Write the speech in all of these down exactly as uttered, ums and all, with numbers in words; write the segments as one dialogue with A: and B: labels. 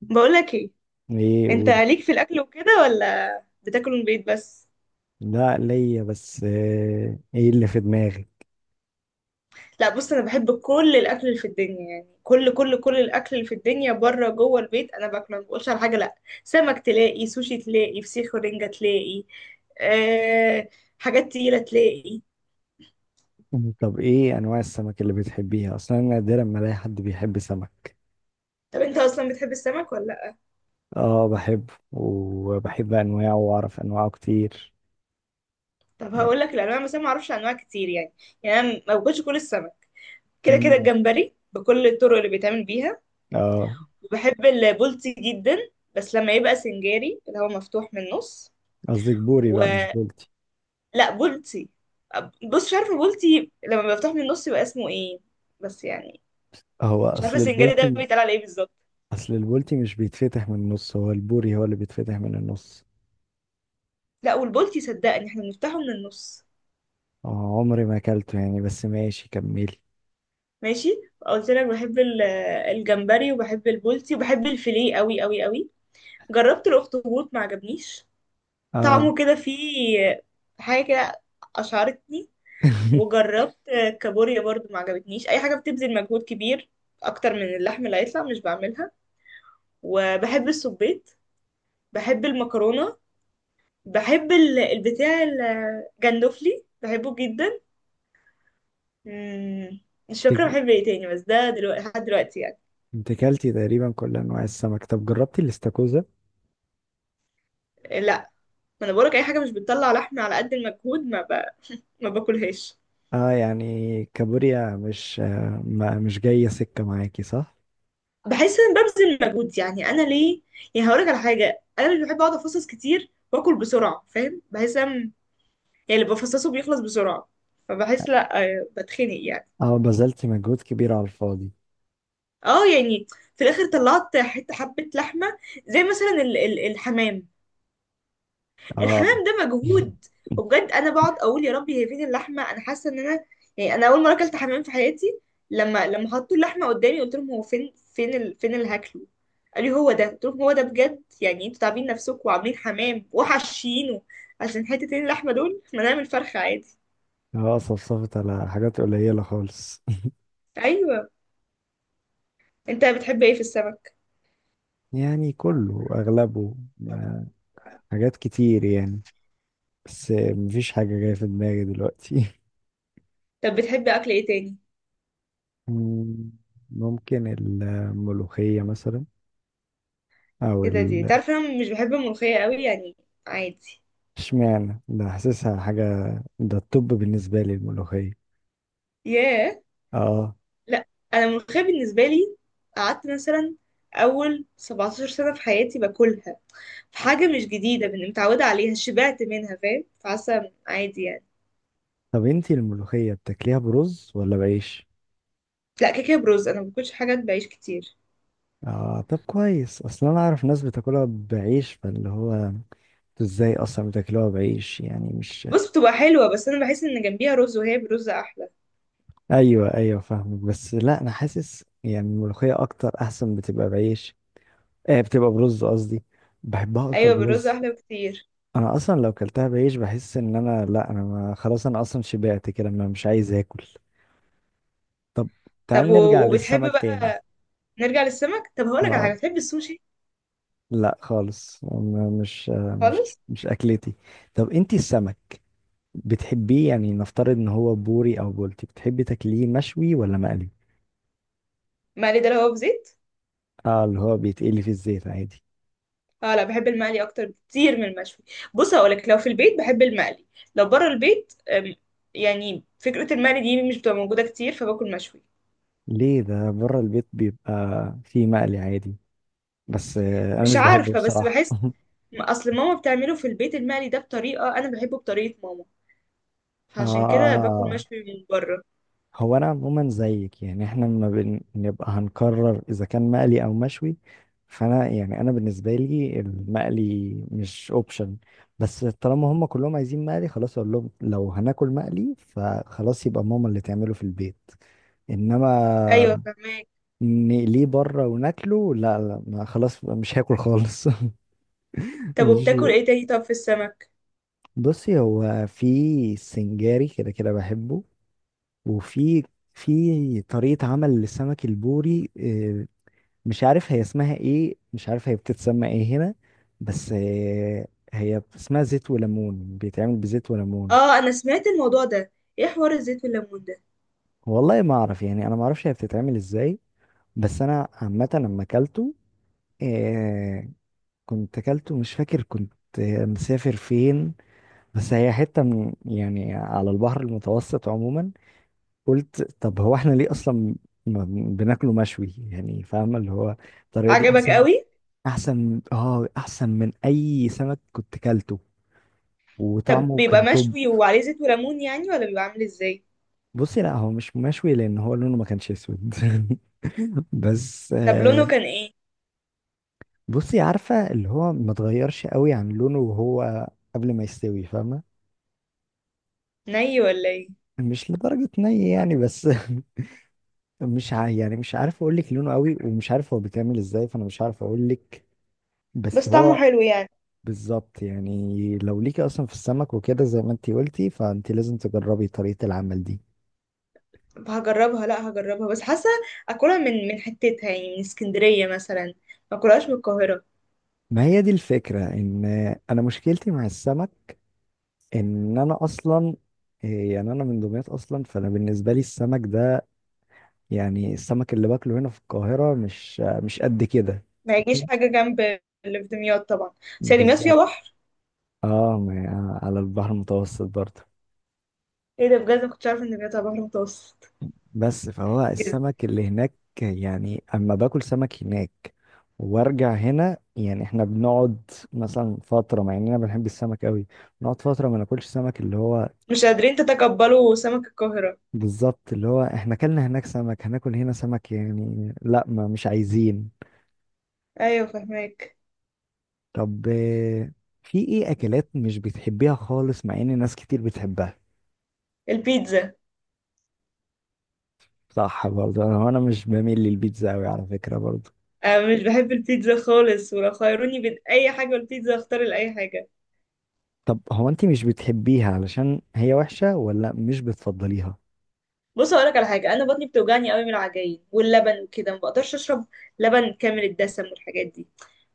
A: بقولك ايه؟
B: ايه
A: انت
B: قول.
A: ليك في الاكل وكده ولا بتاكل من البيت بس؟
B: لا ليا بس آه، ايه اللي في دماغي.
A: لا، بص، انا بحب كل الاكل اللي في الدنيا، يعني كل كل كل الاكل اللي في الدنيا، بره جوه البيت انا باكله، ما بقولش على حاجه لا. سمك تلاقي، سوشي تلاقي، فسيخ ورنجه تلاقي. أه. حاجات تقيله تلاقي.
B: مم. طب ايه انواع السمك اللي بتحبيها؟ اصلا أنا نادرا ما الاقي حد بيحب سمك.
A: طب انت اصلا بتحب السمك ولا لا؟
B: اه، بحبه وبحب انواعه واعرف انواعه كتير
A: طب
B: يعني.
A: هقول لك الانواع، بس انا ما اعرفش انواع كتير يعني. يعني انا ما باكلش كل السمك. كده كده
B: مم.
A: الجمبري بكل الطرق اللي بيتعمل بيها.
B: اه.
A: بحب البولتي جدا، بس لما يبقى سنجاري اللي هو مفتوح من النص.
B: قصدك بوري بقى، مش
A: ولا.
B: بولتي؟
A: بولتي. بص، مش عارفه بولتي لما بيبقى مفتوح من النص يبقى اسمه ايه، بس يعني.
B: هو
A: مش عارفه
B: اصل
A: السنجاري ده
B: البولتي.
A: بيتقال على ايه بالظبط.
B: اصل البولتي مش بيتفتح من النص، هو البوري هو اللي بيتفتح من النص.
A: لا، والبولتي صدقني احنا بنفتحه من النص.
B: اه عمري ما اكلته يعني، بس ماشي كملي.
A: ماشي. قلت لك بحب ال- الجمبري وبحب البولتي وبحب الفيليه قوي قوي قوي. جربت الاخطبوط ما عجبنيش.
B: اه.
A: طعمه كده فيه حاجه كده، اشعرتني. وجربت كابوريا برضو ما عجبتنيش. اي حاجه بتبذل مجهود كبير اكتر من اللحم اللي هيطلع مش بعملها. وبحب السبيت. بحب المكرونه. بحب ال- البتاع الجندوفلي بحبه جدا. مم، مش فاكره
B: انت
A: بحب ايه تاني، بس ده دلوقتي لحد دلوقتي يعني.
B: أنت اكلتي تقريبا كل انواع السمك. طب جربتي الاستاكوزا؟
A: لا، ما انا بقولك اي حاجه مش بتطلع لحم على قد المجهود ما ب... ما باكلهاش.
B: اه يعني كابوريا مش آه، ما مش جاية سكة معاكي صح؟
A: بحس ان ببذل مجهود، يعني انا ليه؟ يعني هقولك على حاجه، انا مش بحب اقعد افصص كتير واكل بسرعه، فاهم، بحس ان يعني اللي بفصصه بيخلص بسرعة، فبحس لا آه، بتخنق يعني.
B: اه، بذلت مجهود كبير على الفاضي.
A: اه يعني في الاخر طلعت حته حبه لحمه. زي مثلا ال- ال- الحمام.
B: اه.
A: الحمام ده مجهود. وبجد انا بقعد اقول يا ربي هي فين اللحمه، انا حاسه ان انا يعني. انا اول مره اكلت حمام في حياتي، لما لما حطوا اللحمه قدامي قلت لهم هو فين، فين ال... فين اللي هاكله. قال لي هو ده، قلت لهم هو ده بجد؟ يعني انتوا تعبين نفسكم وعاملين حمام وحشينه عشان حتتين اللحمه دول؟ ما نعمل فرخه عادي.
B: اه صفصفت على حاجات قليلة خالص.
A: ايوه. انت بتحب ايه في السمك؟
B: يعني كله أغلبه ما- حاجات كتير يعني، بس مفيش حاجة جاية في دماغي دلوقتي.
A: طب بتحبي اكل ايه تاني؟
B: مم، ممكن الملوخية مثلا، أو
A: ايه ده؟ دي
B: ال
A: تعرف انا مش بحب الملوخيه قوي يعني، عادي.
B: اشمعنى ده؟ حاسسها حاجة، ده الطب بالنسبة لي الملوخية.
A: ياه.
B: اه.
A: لا، انا الملوخيه بالنسبه لي قعدت مثلا اول سبع عشرة سنة سنه في حياتي باكلها، في حاجه مش جديده، من متعوده عليها شبعت منها فاهم، فحاسه عادي يعني.
B: طب انتي الملوخية بتاكليها برز ولا بعيش؟
A: لا كيكه، برز. انا ما باكلش حاجات بعيش كتير.
B: اه طب كويس، اصلا انا اعرف ناس بتاكلها بعيش، فاللي هو انتوا ازاي اصلا بتاكلوها بعيش يعني مش؟
A: بص بتبقى حلوه بس انا بحس ان جنبيها رز وهي برز احلى.
B: ايوه ايوه فاهمك، بس لا انا حاسس يعني الملوخية اكتر احسن بتبقى بعيش. آه بتبقى برز قصدي. بحبها اكتر
A: ايوه بالرز
B: برز.
A: احلى بكتير.
B: انا اصلا لو كلتها بعيش بحس ان انا، لا، انا ما خلاص، انا اصلا شبعت كده ما مش عايز اكل. طب
A: طب
B: تعال نرجع
A: و- وبتحب
B: للسمك تاني.
A: بقى، نرجع للسمك، طب هقولك على حاجه،
B: آه.
A: بتحب السوشي؟
B: لا خالص م- مش آه، مش
A: خالص.
B: مش اكلتي. طب انتي السمك بتحبيه؟ يعني نفترض ان هو بوري او بولتي، بتحبي تاكليه مشوي ولا مقلي؟
A: مقلي ده اللي هو بزيت؟
B: اه اللي هو بيتقلي في الزيت عادي.
A: اه، لا بحب المقلي اكتر بكتير من المشوي. بص هقولك، لو في البيت بحب المقلي، لو بره البيت أم، يعني فكرة المقلي دي مش بتبقى موجودة كتير، فباكل مشوي.
B: ليه؟ ده بره البيت بيبقى فيه مقلي عادي، بس آه، انا
A: مش
B: مش بحبه
A: عارفة بس
B: بصراحة.
A: بحس اصل ماما بتعمله في البيت، المقلي ده بطريقة انا بحبه بطريقة ماما، فعشان كده باكل
B: اه.
A: مشوي من بره.
B: هو انا عموما زيك، يعني احنا لما بنبقى هنقرر اذا كان مقلي او مشوي، فانا يعني انا بالنسبه لي المقلي مش اوبشن، بس طالما هم كلهم عايزين مقلي خلاص اقول لهم لو هناكل مقلي فخلاص، يبقى ماما اللي تعمله في البيت.
A: ايوه
B: انما
A: فهماك.
B: نقليه بره وناكله لا لا، ما خلاص مش هاكل خالص.
A: طب
B: مش.
A: وبتاكل ايه تاني، طب في السمك؟
B: بصي هو في سنجاري كده كده بحبه. وفي في طريقة عمل للسمك البوري آه، مش عارف هي اسمها ايه، مش عارف هي بتتسمى ايه هنا. بس آه، هي اسمها زيت وليمون، بيتعمل بزيت وليمون.
A: اه انا سمعت الموضوع ده. ايه حوار الزيت والليمون ده؟
B: والله ما اعرف يعني، انا ما اعرفش هي بتتعمل ازاي. بس انا عامه لما اكلته، آه، كنت اكلته مش فاكر كنت آه، مسافر فين. بس هي حته من يعني على البحر المتوسط عموما. قلت طب هو احنا ليه اصلا ما بن- بناكله مشوي؟ يعني فاهمه اللي هو الطريقه دي
A: عجبك
B: احسن.
A: قوي.
B: احسن اه احسن من اي سمك كنت كلته،
A: طب
B: وطعمه
A: بيبقى
B: كان توب.
A: مشوي وعليه زيت وليمون يعني ولا بيبقى عامل ازاي؟
B: بصي لا، هو مش مشوي لان هو لونه ما كانش اسود. بس
A: طب لونه
B: آه،
A: كان ايه؟
B: بصي عارفه اللي هو ما اتغيرش قوي عن لونه وهو قبل ما يستوي، فاهمه؟
A: ني ولا ايه؟
B: مش لدرجه ني يعني بس. مش ع... يعني مش عارف اقول لك لونه قوي، ومش عارف هو بيتعمل ازاي، فانا مش عارف اقول لك، بس
A: بس طعمه
B: هو.
A: حلو يعني.
B: بالظبط. يعني لو ليكي اصلا في السمك وكده زي ما انتي قلتي، فانتي لازم تجربي طريقه العمل دي.
A: هجربها، لا هجربها بس حاسه اكلها من من حتتها، يعني من اسكندريه مثلا، ما اكلهاش من القاهره.
B: ما هي دي الفكره، ان انا مشكلتي مع السمك ان انا اصلا إيه، يعني انا من دمياط اصلا، فانا بالنسبه لي السمك ده، يعني السمك اللي باكله هنا في القاهره مش مش قد كده.
A: ما يجيش حاجه جنب اللي في دمياط طبعا. بس هي دمياط
B: بالظبط.
A: فيها بحر.
B: اه ما- على البحر المتوسط برضه.
A: ايه ده، بجد؟ ما كنتش عارفه ان دمياط على بحر متوسط.
B: بس فهو
A: إز-
B: السمك اللي هناك، يعني اما باكل سمك هناك وارجع هنا، يعني احنا بنقعد مثلا فتره مع اننا بنحب السمك قوي، بنقعد فتره ما ناكلش سمك اللي هو.
A: مش قادرين تتقبلوا سمك القاهره.
B: بالظبط. اللي هو احنا اكلنا هناك سمك، هناكل هنا سمك، يعني لا ما مش عايزين.
A: ايوه فهماك.
B: طب آه، في ايه اكلات مش بتحبيها خالص مع ان ناس كتير بتحبها؟
A: البيتزا.
B: صح برضه، انا انا مش بميل للبيتزا قوي على فكرة برضه.
A: انا مش بحب البيتزا خالص، ولو خيروني بين اي حاجه والبيتزا اختار لاي حاجه.
B: طب هو انت مش بتحبيها علشان هي وحشة، ولا مش بتفضليها؟
A: بص اقول لك على حاجه، انا بطني بتوجعني قوي من العجاين واللبن وكده، ما بقدرش اشرب لبن كامل الدسم والحاجات دي.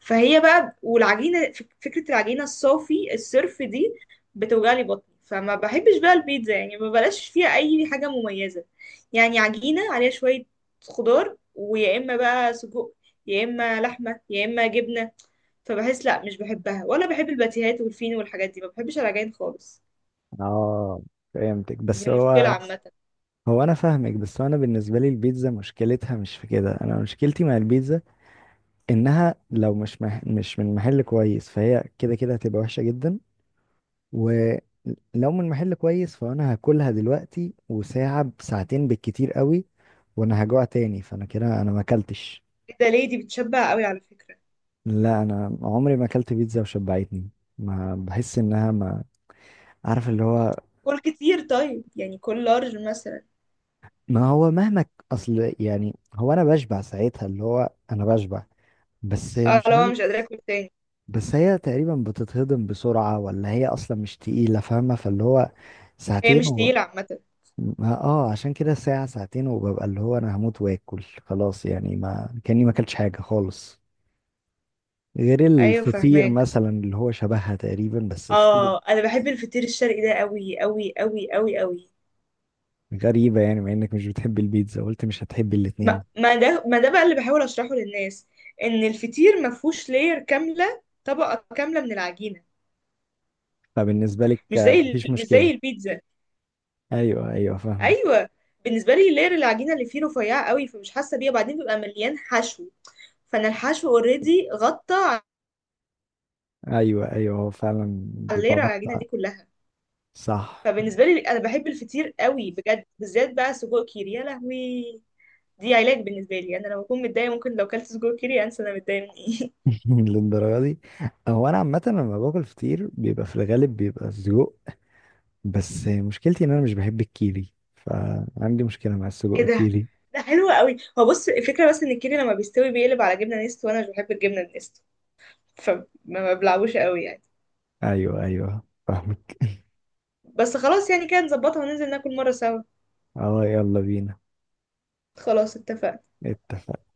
A: فهي بقى والعجينه فك- فكره العجينه الصافي الصرف دي بتوجع لي بطني، فما بحبش بقى البيتزا يعني، ما بلاش فيها اي حاجه مميزه. يعني عجينه عليها شويه خضار ويا اما بقى سجق يا اما لحمه يا اما جبنه، فبحس لا مش بحبها. ولا بحب الباتيهات والفينو والحاجات دي، ما بحبش العجائن خالص.
B: اه فهمتك، بس
A: دي مشكله
B: هو
A: عامه.
B: هو انا فاهمك، بس هو انا بالنسبة لي البيتزا مشكلتها مش في كده، انا مشكلتي مع البيتزا انها لو مش مح... مش من محل كويس، فهي كده كده هتبقى وحشة جدا، ولو من محل كويس فانا هاكلها دلوقتي وساعة بساعتين بالكتير قوي، وانا هجوع تاني، فانا كده انا ما اكلتش.
A: كده ليه؟ دي بتشبع قوي على فكره.
B: لا انا عمري ما اكلت بيتزا وشبعتني. ما بحس انها، ما عارف اللي هو.
A: كل كتير طيب، يعني كل لارج مثلا.
B: ما هو مهما ك- اصل يعني هو انا بشبع ساعتها، اللي هو انا بشبع، بس
A: اه،
B: مش
A: لو أنا
B: عارف.
A: مش قادره اكل تاني.
B: بس هي تقريبا بتتهضم بسرعة، ولا هي اصلا مش تقيلة فاهمة، فاللي هو
A: هي
B: ساعتين.
A: مش تقيله عامه.
B: ما- اه عشان كده ساعة ساعتين وببقى اللي هو انا هموت واكل. خلاص يعني ما كاني ما اكلتش حاجة خالص، غير
A: ايوه
B: الفطير
A: فهماك.
B: مثلا اللي هو شبهها تقريبا، بس الفطير.
A: اه انا بحب الفطير الشرقي ده قوي قوي قوي قوي قوي.
B: غريبة يعني مع انك مش بتحب البيتزا قلت مش هتحب
A: ما,
B: الاتنين.
A: ما ده ما ده بقى اللي بحاول اشرحه للناس، ان الفطير ما فيهوش لاير كامله طبقه كامله من العجينه،
B: فبالنسبة لك
A: مش
B: آه،
A: زي ال-
B: مفيش
A: مش زي
B: مشكلة.
A: البيتزا.
B: ايوه ايوه فاهمك.
A: ايوه بالنسبه لي لاير العجينه اللي فيه رفيعه قوي، فمش حاسه بيها، وبعدين بيبقى مليان حشو، فانا الحشو اوريدي غطى
B: ايوه ايوه هو فعلا
A: على
B: بيبقى
A: لاير العجينه
B: غطى.
A: دي كلها.
B: صح.
A: فبالنسبه لي انا بحب الفطير قوي بجد، بالذات بقى سجق كيري، يا لهوي. دي علاج بالنسبه لي، انا لما اكون متضايقه ممكن لو كلت سجق كيري انسى انا متضايقه من ايه.
B: للدرجة دي؟ هو انا عامة لما باكل فطير بيبقى في الغالب بيبقى سجق، بس مشكلتي ان انا مش بحب الكيري، فعندي مشكلة مع
A: ايه
B: السجق
A: ده؟
B: كيري.
A: ده حلو قوي. هو بص الفكره بس ان الكيري لما بيستوي بيقلب على جبنه نستو، وانا مش بحب الجبنه النستو، فما بلعبوش قوي يعني.
B: ايوه ايوه فاهمك.
A: بس خلاص يعني كده نظبطها وننزل ناكل مره سوا.
B: اه يلا بينا.
A: خلاص اتفقنا.
B: اتفق.